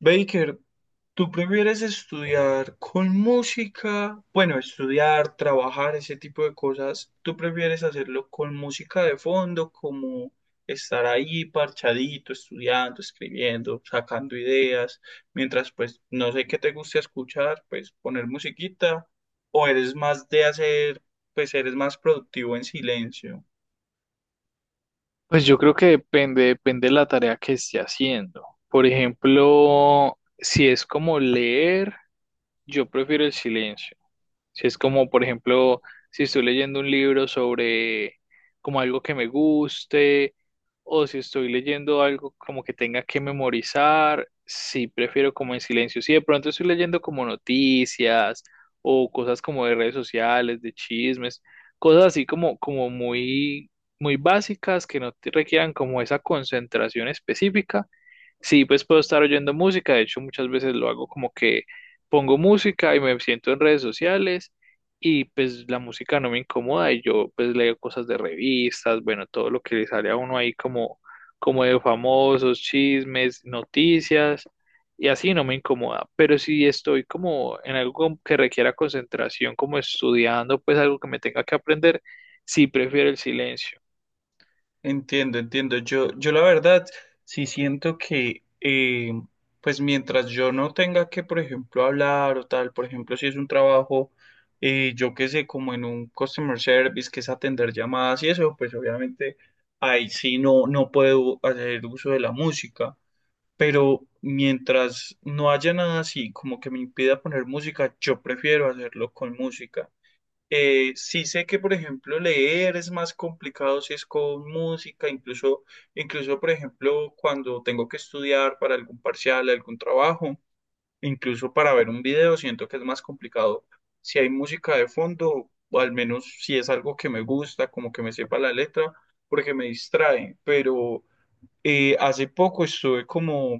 Baker, ¿tú prefieres estudiar con música? Bueno, estudiar, trabajar, ese tipo de cosas. ¿Tú prefieres hacerlo con música de fondo, como estar ahí parchadito, estudiando, escribiendo, sacando ideas, mientras pues no sé qué te gusta escuchar, pues poner musiquita? ¿O eres más de hacer, pues eres más productivo en silencio? Pues yo creo que depende, depende de la tarea que esté haciendo. Por ejemplo, si es como leer, yo prefiero el silencio. Si es como, por ejemplo, si estoy leyendo un libro sobre como algo que me guste, o si estoy leyendo algo como que tenga que memorizar, sí prefiero como en silencio. Si de pronto estoy leyendo como noticias o cosas como de redes sociales, de chismes, cosas así como, como muy, muy básicas que no te requieran como esa concentración específica. Sí, pues puedo estar oyendo música, de hecho muchas veces lo hago como que pongo música y me siento en redes sociales y pues la música no me incomoda y yo pues leo cosas de revistas, bueno, todo lo que le sale a uno ahí como, como de famosos, chismes, noticias y así no me incomoda, pero si estoy como en algo que requiera concentración, como estudiando, pues algo que me tenga que aprender. Sí, prefiero el silencio. Entiendo, entiendo. Yo la verdad sí siento que, pues mientras yo no tenga que, por ejemplo, hablar o tal, por ejemplo, si es un trabajo, yo qué sé, como en un customer service, que es atender llamadas y eso, pues obviamente ahí sí no puedo hacer uso de la música. Pero mientras no haya nada así como que me impida poner música, yo prefiero hacerlo con música. Sí sé que, por ejemplo, leer es más complicado si es con música, incluso, por ejemplo, cuando tengo que estudiar para algún parcial, algún trabajo, incluso para ver un video, siento que es más complicado si hay música de fondo, o al menos si es algo que me gusta, como que me sepa la letra, porque me distrae. Pero hace poco estuve como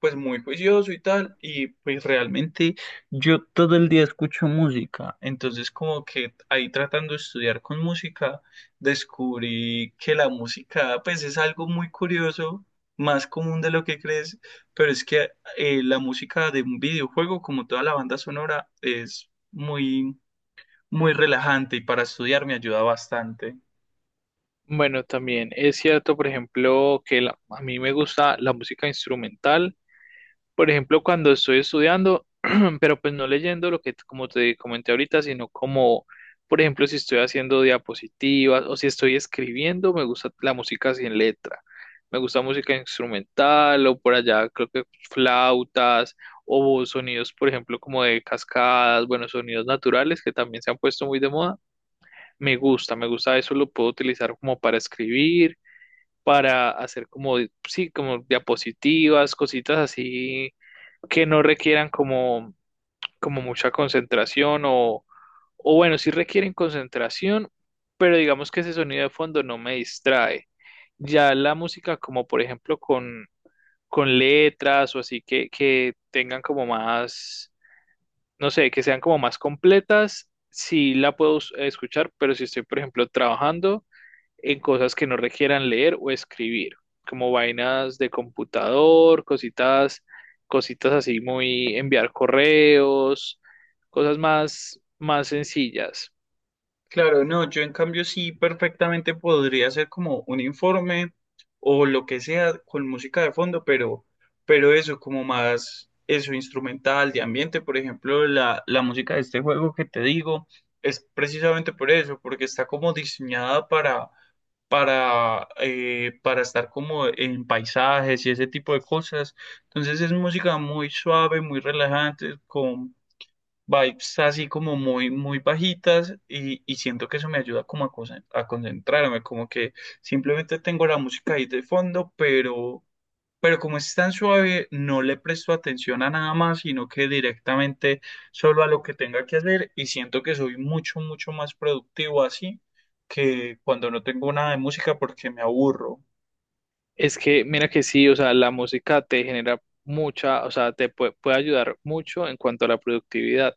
pues muy juicioso y tal, y pues realmente yo todo el día escucho música, entonces como que ahí tratando de estudiar con música, descubrí que la música pues es algo muy curioso, más común de lo que crees, pero es que la música de un videojuego, como toda la banda sonora, es muy, muy relajante y para estudiar me ayuda bastante. Bueno, también es cierto, por ejemplo, que a mí me gusta la música instrumental. Por ejemplo, cuando estoy estudiando, pero pues no leyendo lo que, como te comenté ahorita, sino como, por ejemplo, si estoy haciendo diapositivas o si estoy escribiendo, me gusta la música sin letra. Me gusta música instrumental o por allá, creo que flautas o sonidos, por ejemplo, como de cascadas, bueno, sonidos naturales que también se han puesto muy de moda. Me gusta eso, lo puedo utilizar como para escribir, para hacer como, sí, como diapositivas, cositas así que no requieran como, como mucha concentración o bueno, sí requieren concentración, pero digamos que ese sonido de fondo no me distrae. Ya la música como por ejemplo con letras o así que tengan como más, no sé, que sean como más completas, sí la puedo escuchar, pero si estoy por ejemplo trabajando, en cosas que no requieran leer o escribir, como vainas de computador, cositas, cositas así muy enviar correos, cosas más, más sencillas. Claro, no, yo en cambio sí perfectamente podría hacer como un informe o lo que sea con música de fondo, pero eso como más, eso instrumental, de ambiente, por ejemplo, la música de este juego que te digo es precisamente por eso, porque está como diseñada para estar como en paisajes y ese tipo de cosas. Entonces es música muy suave, muy relajante, con vibes así como muy, muy bajitas y siento que eso me ayuda como a, a concentrarme, como que simplemente tengo la música ahí de fondo, pero como es tan suave, no le presto atención a nada más, sino que directamente solo a lo que tenga que hacer y siento que soy mucho, mucho más productivo así que cuando no tengo nada de música porque me aburro. Es que, mira que sí, o sea, la música te genera mucha, o sea, te puede ayudar mucho en cuanto a la productividad,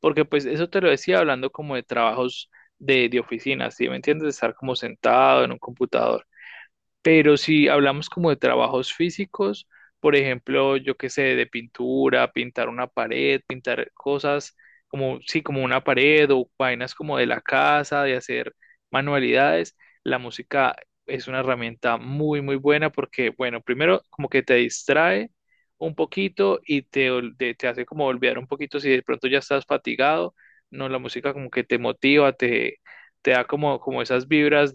porque pues eso te lo decía hablando como de trabajos de oficina, ¿sí me entiendes? De estar como sentado en un computador. Pero si hablamos como de trabajos físicos, por ejemplo, yo qué sé, de pintura, pintar una pared, pintar cosas como, sí, como una pared o vainas como de la casa, de hacer manualidades, la música es una herramienta muy, muy buena porque, bueno, primero como que te distrae un poquito y te, te hace como olvidar un poquito si de pronto ya estás fatigado, no, la música como que te motiva, te da como, como esas vibras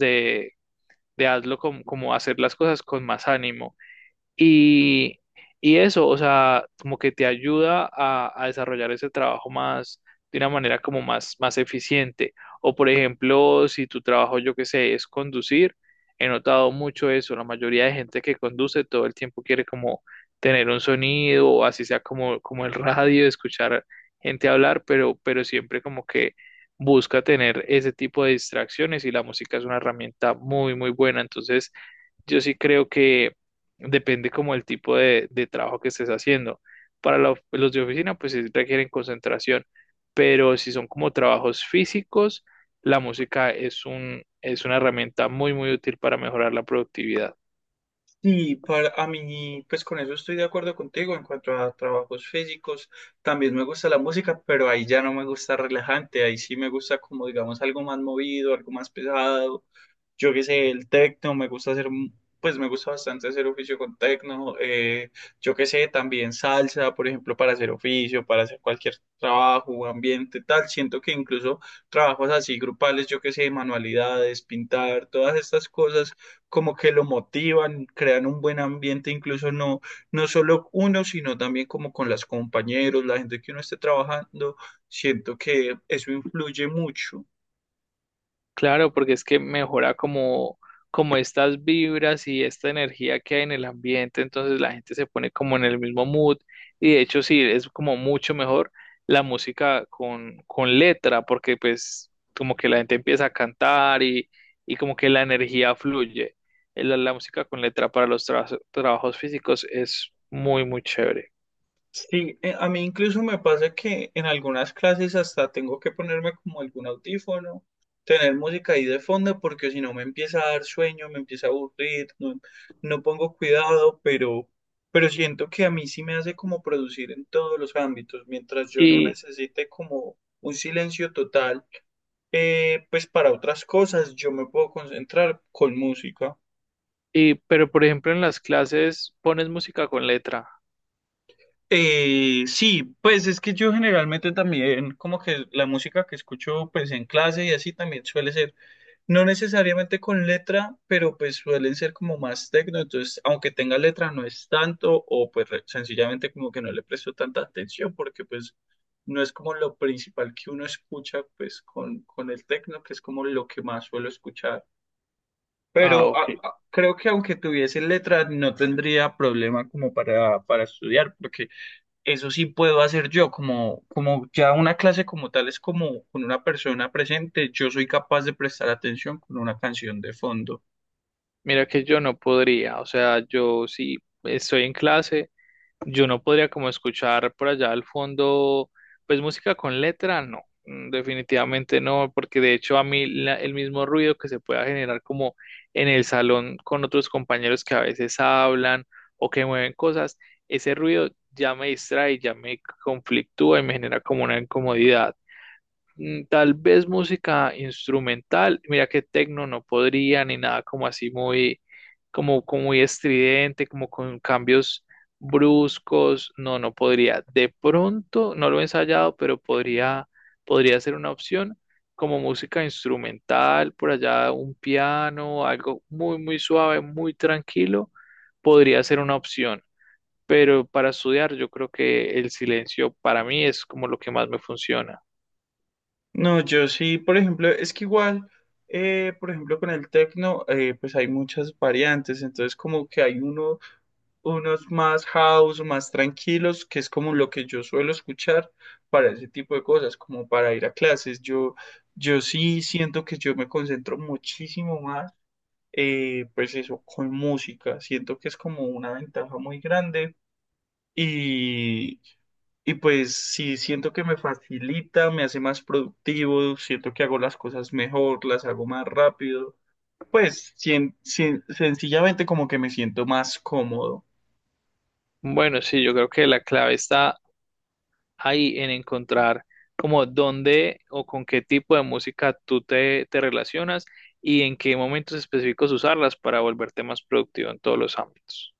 de como hacer las cosas con más ánimo. Y, y eso, o sea, como que te ayuda a desarrollar ese trabajo más, de una manera como más, más eficiente. O por ejemplo, si tu trabajo, yo qué sé, es conducir, he notado mucho eso. La mayoría de gente que conduce todo el tiempo quiere como tener un sonido, o así sea como, como el radio, escuchar gente hablar, pero siempre como que busca tener ese tipo de distracciones y la música es una herramienta muy, muy buena. Entonces, yo sí creo que depende como el tipo de trabajo que estés haciendo. Para la los de oficina, pues sí requieren concentración, pero si son como trabajos físicos, la música es un, es una herramienta muy, muy útil para mejorar la productividad. Sí, para a mí, pues con eso estoy de acuerdo contigo en cuanto a trabajos físicos. También me gusta la música, pero ahí ya no me gusta relajante. Ahí sí me gusta como, digamos, algo más movido, algo más pesado. Yo qué sé, el tecno, me gusta hacer, pues me gusta bastante hacer oficio con tecno, yo qué sé, también salsa, por ejemplo, para hacer oficio, para hacer cualquier trabajo, ambiente, tal. Siento que incluso trabajos así grupales, yo qué sé, manualidades, pintar, todas estas cosas como que lo motivan, crean un buen ambiente, incluso no, no solo uno, sino también como con los compañeros, la gente que uno esté trabajando. Siento que eso influye mucho. Claro, porque es que mejora como, como estas vibras y esta energía que hay en el ambiente, entonces la gente se pone como en el mismo mood y de hecho sí, es como mucho mejor la música con letra, porque pues como que la gente empieza a cantar y como que la energía fluye. La, la música con letra para los trabajos físicos es muy, muy chévere. Sí, a mí incluso me pasa que en algunas clases hasta tengo que ponerme como algún audífono, tener música ahí de fondo, porque si no me empieza a dar sueño, me empieza a aburrir, no pongo cuidado, pero siento que a mí sí me hace como producir en todos los ámbitos, mientras yo no Y, necesite como un silencio total, pues para otras cosas yo me puedo concentrar con música. y, pero por ejemplo en las clases pones música con letra. Sí, pues es que yo generalmente también, como que la música que escucho pues en clase y así también suele ser, no necesariamente con letra, pero pues suelen ser como más tecno, entonces aunque tenga letra no es tanto o pues sencillamente como que no le presto tanta atención porque pues no es como lo principal que uno escucha pues con el tecno, que es como lo que más suelo escuchar. Ah, Pero ok. Creo que aunque tuviese letra no tendría problema como para estudiar porque eso sí puedo hacer yo, como, como ya una clase como tal es como con una persona presente, yo soy capaz de prestar atención con una canción de fondo. Mira que yo no podría, o sea, yo si estoy en clase, yo no podría como escuchar por allá al fondo, pues música con letra, no, mm, definitivamente no, porque de hecho a mí el mismo ruido que se pueda generar como en el salón con otros compañeros que a veces hablan o que mueven cosas, ese ruido ya me distrae, ya me conflictúa y me genera como una incomodidad. Mm, tal vez música instrumental, mira que tecno no podría ni nada como así muy, como, como muy estridente, como con cambios bruscos, no, no podría. De pronto, no lo he ensayado, pero podría, podría ser una opción como música instrumental, por allá un piano, algo muy, muy suave, muy tranquilo, podría ser una opción. Pero para estudiar, yo creo que el silencio para mí es como lo que más me funciona. No, yo sí, por ejemplo, es que igual, por ejemplo, con el techno, pues hay muchas variantes, entonces como que hay uno, unos más house, más tranquilos, que es como lo que yo suelo escuchar para ese tipo de cosas, como para ir a clases. Yo sí siento que yo me concentro muchísimo más pues eso, con música. Siento que es como una ventaja muy grande y, y pues sí, siento que me facilita, me hace más productivo, siento que hago las cosas mejor, las hago más rápido. Pues sencillamente como que me siento más cómodo. Bueno, sí, yo creo que la clave está ahí en encontrar como dónde o con qué tipo de música tú te, te relacionas y en qué momentos específicos usarlas para volverte más productivo en todos los ámbitos.